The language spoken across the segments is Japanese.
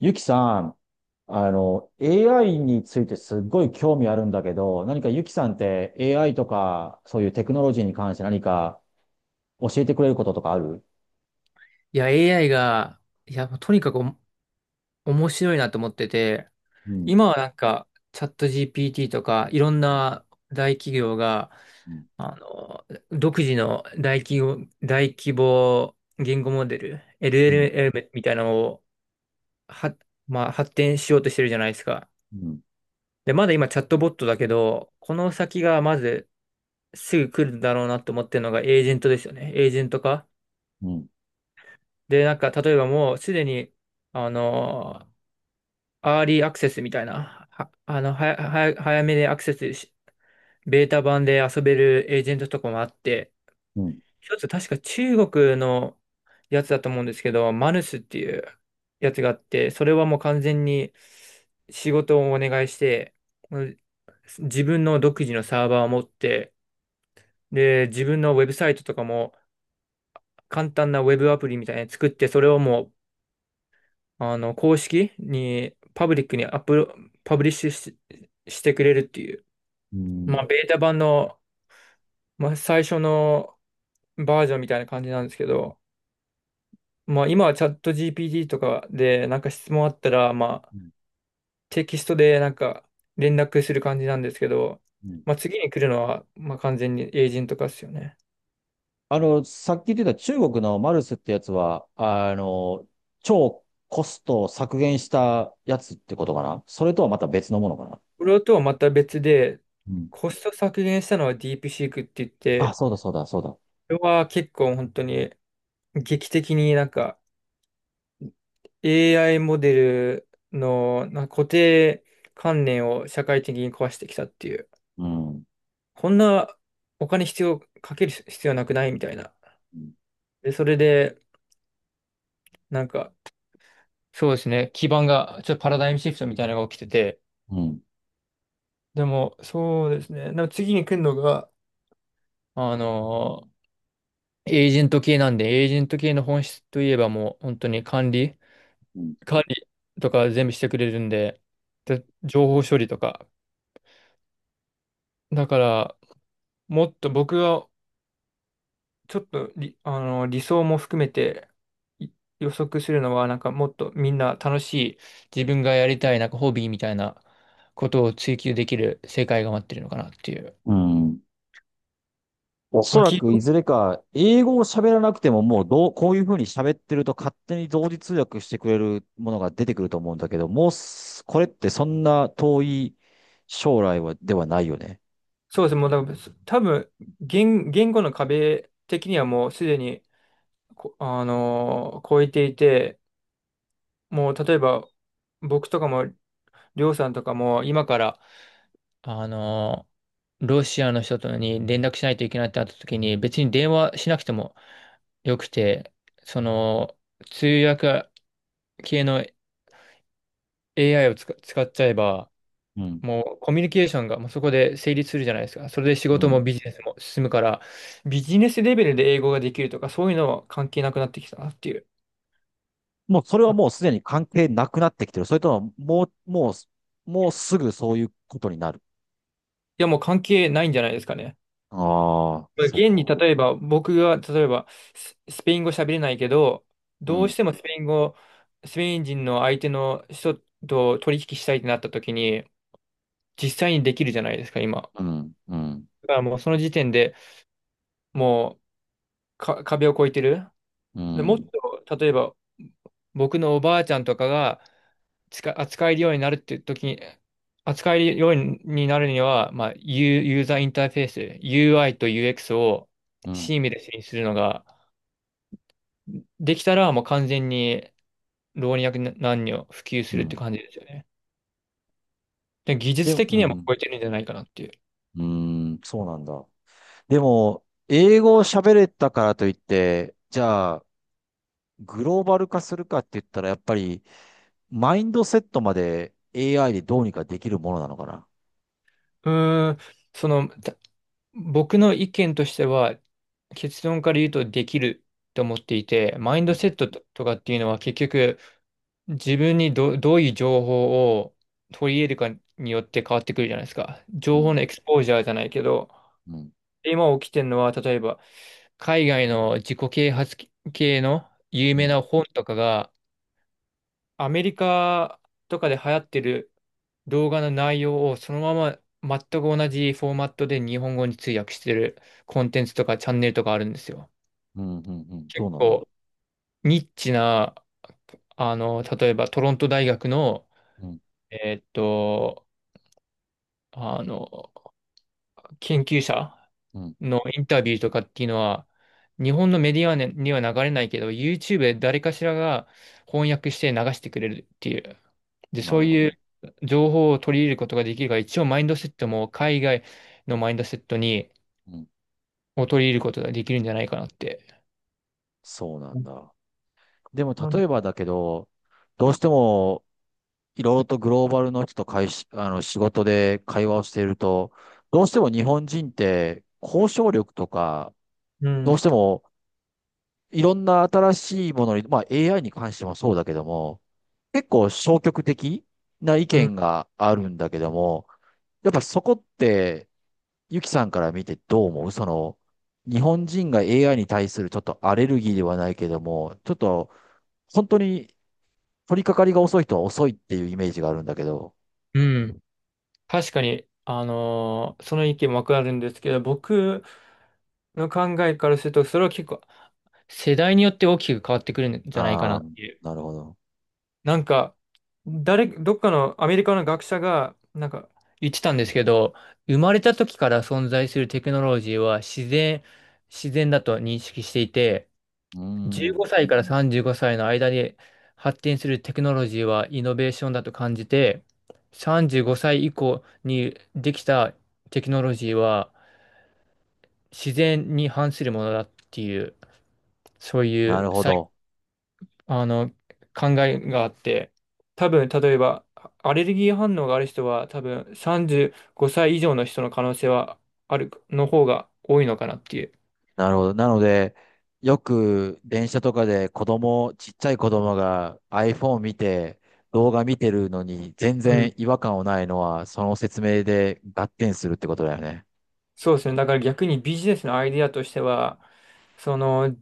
ゆきさん、AI についてすっごい興味あるんだけど、何かゆきさんって AI とか、そういうテクノロジーに関して何か教えてくれることとかある？いや、AI が、もうとにかく面白いなと思ってて、うん、今はなんか、チャット GPT とか、いろんうな大企業が、ん、あの、独自の大企業、大規模言語モデル、うん、LLM みたいなのを、は、まあ、発展しようとしてるじゃないですか。うん、で、まだ今チャットボットだけど、この先がまずすぐ来るだろうなと思ってるのがエージェントですよね。エージェント化。うん、で、なんか、例えばもうすでに、あのアーリーアクセスみたいな、は、あの、はや、はや、早めでアクセスし、ベータ版で遊べるエージェントとかもあって、うん、一つ確か中国のやつだと思うんですけど、マヌスっていうやつがあって、それはもう完全に仕事をお願いして、うん、自分の独自のサーバーを持って、で、自分のウェブサイトとかも簡単なウェブアプリみたいなの作って、それをもう、公式に、パブリックにアップロ、パブリッシュしてくれるっていう。うまあ、ん、ベータ版の、まあ、最初のバージョンみたいな感じなんですけど、まあ、今はチャット GPT とかで、なんか質問あったら、まあ、テキストでなんか連絡する感じなんですけど、うん。まあ、次に来るのは、まあ、完全にエージェント化ですよね。さっき言ってた中国のマルスってやつは、超コストを削減したやつってことかな。それとはまた別のものかな。これとはまた別で、うん。コスト削減したのはディープシークって言っあ、て、そうだ、そうだ、そうだ。これは結構本当に劇的になんか AI モデルのなんか固定観念を社会的に壊してきたっていう。こんなお金必要、かける必要なくないみたいな。うん、で、それで、なんか、そうですね、基盤が、ちょっとパラダイムシフトみたいなのが起きてて、うん、でも、そうですね、でも次に来るのが、あのーエージェント系なんで、エージェント系の本質といえばもう、本当に管理、うん。管理とか全部してくれるんで、で情報処理とか。だから、もっと僕がちょっとり、あの、理想も含めてい予測するのは、なんかもっとみんな楽しい、自分がやりたい、なんかホビーみたいなことを追求できる世界が待ってるのかなっていう。うん、おまそあ、らくいずれか、英語を喋らなくてももうどう、こういうふうに喋ってると勝手に同時通訳してくれるものが出てくると思うんだけど、もうす、これってそんな遠い将来は、ではないよね。そうですね、もうだから多分言語の壁的にはもうすでに、こあのー超えていて、もう例えば僕とかも、りょうさんとかも今からあの、ロシアの人とに連絡しないといけないってなった時に、別に電話しなくてもよくて、その、通訳系の AI を使っちゃえば、うん。もうコミュニケーションがもうそこで成立するじゃないですか。それで仕う事もん。ビジネスも進むから、ビジネスレベルで英語ができるとか、そういうのは関係なくなってきたなっていう。もうそれはもうすでに関係なくなってきてる。それとも、もうすぐそういうことになる。いや、もう関係ないんじゃないですかね。ああ、まあそう現にか。例えば、僕が例えばスペイン語喋れないけど、うどうん、してもスペイン人の相手の人と取引したいってなった時に、実際にできるじゃないですか、今。うん、うん、だからもうその時点でもう壁を越えてる。うで、もっん、と、例えば、僕のおばあちゃんとかが扱えるようになるって時に、扱えるようになるには、まあ、ユーザーインターフェース、UI と UX をうん、シームレスにするのが、できたら、もう完全に老若男女普及すうるってん。感じですよね。で、技で術も、う的にはもうん、超えてるんじゃないかなっていう。うん、そうなんだ。でも、英語を喋れたからといって、じゃあ、グローバル化するかって言ったら、やっぱり、マインドセットまで AI でどうにかできるものなのかな。うーん、その、僕の意見としては、結論から言うとできると思っていて、マインうドん、セットとかっていうのは結局自分にどういう情報を取り入れるかによって変わってくるじゃないですか。う情報ん、のエクスポージャーじゃないけど、うん、今起きてるのは例えば海外の自己啓発系の有う名ん、な本とかがアメリカとかで流行ってる動画の内容をそのまま全く同じフォーマットで日本語に通訳してるコンテンツとかチャンネルとかあるんですよ。うん、うん、うん、どう結なんだ。構ニッチな、例えばトロント大学の、うん、えーっと、あの、研究者うん、のインタビューとかっていうのは、日本のメディアには流れないけど、YouTube で誰かしらが翻訳して流してくれるっていう。で、なそうるほいど。う情報を取り入れることができるから、一応マインドセットも海外のマインドセットうん、を取り入れることができるんじゃないかなって。そうなんだ。でも、な例るえばだけど、どうしても、いろいろとグローバルの人と会し、あの、仕事で会話をしていると、どうしても日本人って、交渉力とか、うどうしん。ても、いろんな新しいものに、まあ AI に関してもそうだけども、結構消極的な意うん。見があるんだけども、やっぱそこって、ゆきさんから見てどう思う日本人が AI に対するちょっとアレルギーではないけども、ちょっと本当に取り掛かりが遅い人は遅いっていうイメージがあるんだけど。うん。確かに、その意見もわかるんですけど、僕の考えからすると、それは結構世代によって大きく変わってくるんじゃないかあなあ、っていう。なるほど。なんか、どっかのアメリカの学者が、なんか、言ってたんですけど、生まれた時から存在するテクノロジーは自然だと認識していて、うー15ん、歳から35歳の間で発展するテクノロジーはイノベーションだと感じて、35歳以降にできたテクノロジーは自然に反するものだっていう、そういなうるほど。あの、考えがあって、多分、例えば、アレルギー反応がある人は、多分、35歳以上の人の可能性はある、の方が多いのかなっていう。なるほど。なので、よく電車とかで子供、ちっちゃい子供が iPhone 見て、動画見てるのに全うん。然違和感をないのは、その説明で合点するってことだよね。そうですね。だから逆にビジネスのアイディアとしては、その、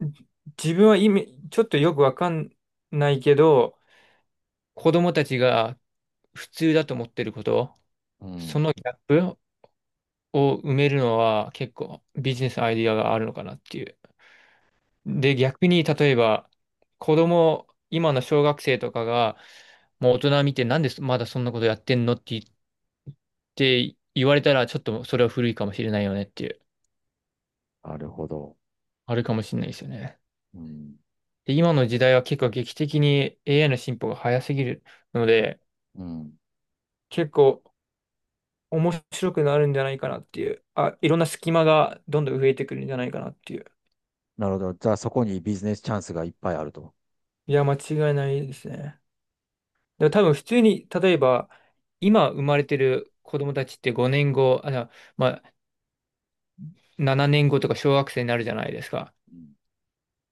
じ自分は意味、ちょっとよくわかんないけど、子供たちが普通だと思ってること、うそん、のギャップを埋めるのは結構ビジネスアイディアがあるのかなっていう。で、逆に、例えば、子供、今の小学生とかが、もう大人見て、なんでまだそんなことやってんのって言って、言われたら、ちょっとそれは古いかもしれないよねっていう、なるほど。あるかもしれないですよね。うん。で、今の時代は結構劇的に AI の進歩が早すぎるので、うん、結構面白くなるんじゃないかなっていう、あ、いろんな隙間がどんどん増えてくるんじゃないかなっていう。なるほど。じゃあそこにビジネスチャンスがいっぱいあると。いや、間違いないですね。だから多分普通に、例えば、今生まれてる子供たちって5年後、あ、じゃあまあ、7年後とか小学生になるじゃないですか。うん。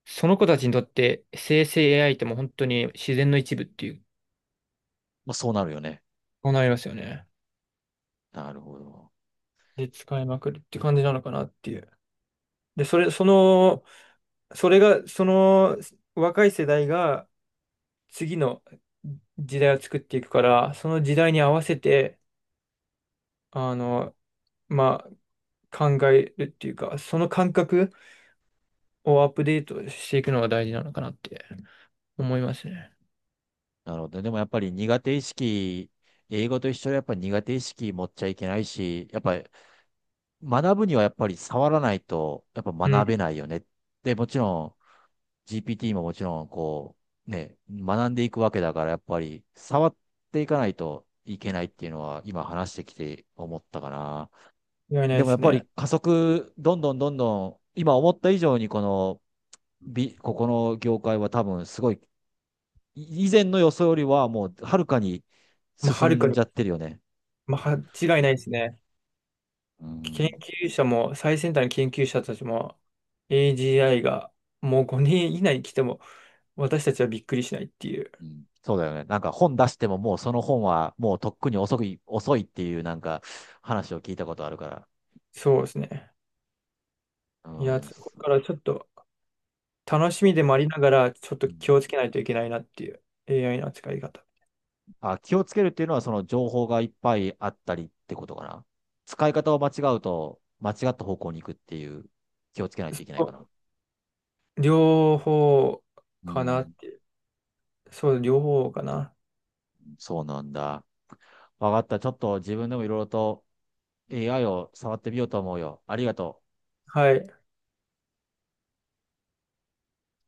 その子たちにとって生成 AI ってもう本当に自然の一部っていう、まあ、そうなるよね。そうなりますよね。なるほど。で、使いまくるって感じなのかなっていう。で、それ、その、それが、その若い世代が次の時代を作っていくから、その時代に合わせて、あの、まあ、考えるっていうか、その感覚をアップデートしていくのが大事なのかなって思いますね。なるほど。でもやっぱり苦手意識、英語と一緒でやっぱり苦手意識持っちゃいけないし、やっぱ学ぶにはやっぱり触らないと、やっぱうん、学べないよね。で、もちろん GPT ももちろんこう、ね、学んでいくわけだから、やっぱり触っていかないといけないっていうのは今話してきて思ったかな。間違いないででもやっすぱね。り加速、どんどんどんどん、今思った以上にこの業界は多分すごい、以前の予想よりはもうはるかにまあ、はるか進んに、じゃってるよね。まあ、間違いないですね。う研ん、究者も、最先端の研究者たちも、AGI がもう5年以内に来ても、私たちはびっくりしないっていう。うん、そうだよね。なんか本出してももうその本はもうとっくに遅い、遅いっていうなんか話を聞いたことあるから。そうですね。ういや、ん、これからちょっと楽しそっみでか。もありながら、ちょっとう気ん。をつけないといけないなっていう AI の扱い方。あ、気をつけるっていうのはその情報がいっぱいあったりってことかな。使い方を間違うと間違った方向に行くっていう気をつけないといけないかな。そう両方うかなっん、ていう。そう、両方かな。そうなんだ。わかった。ちょっと自分でもいろいろと AI を触ってみようと思うよ。ありがとう。はい。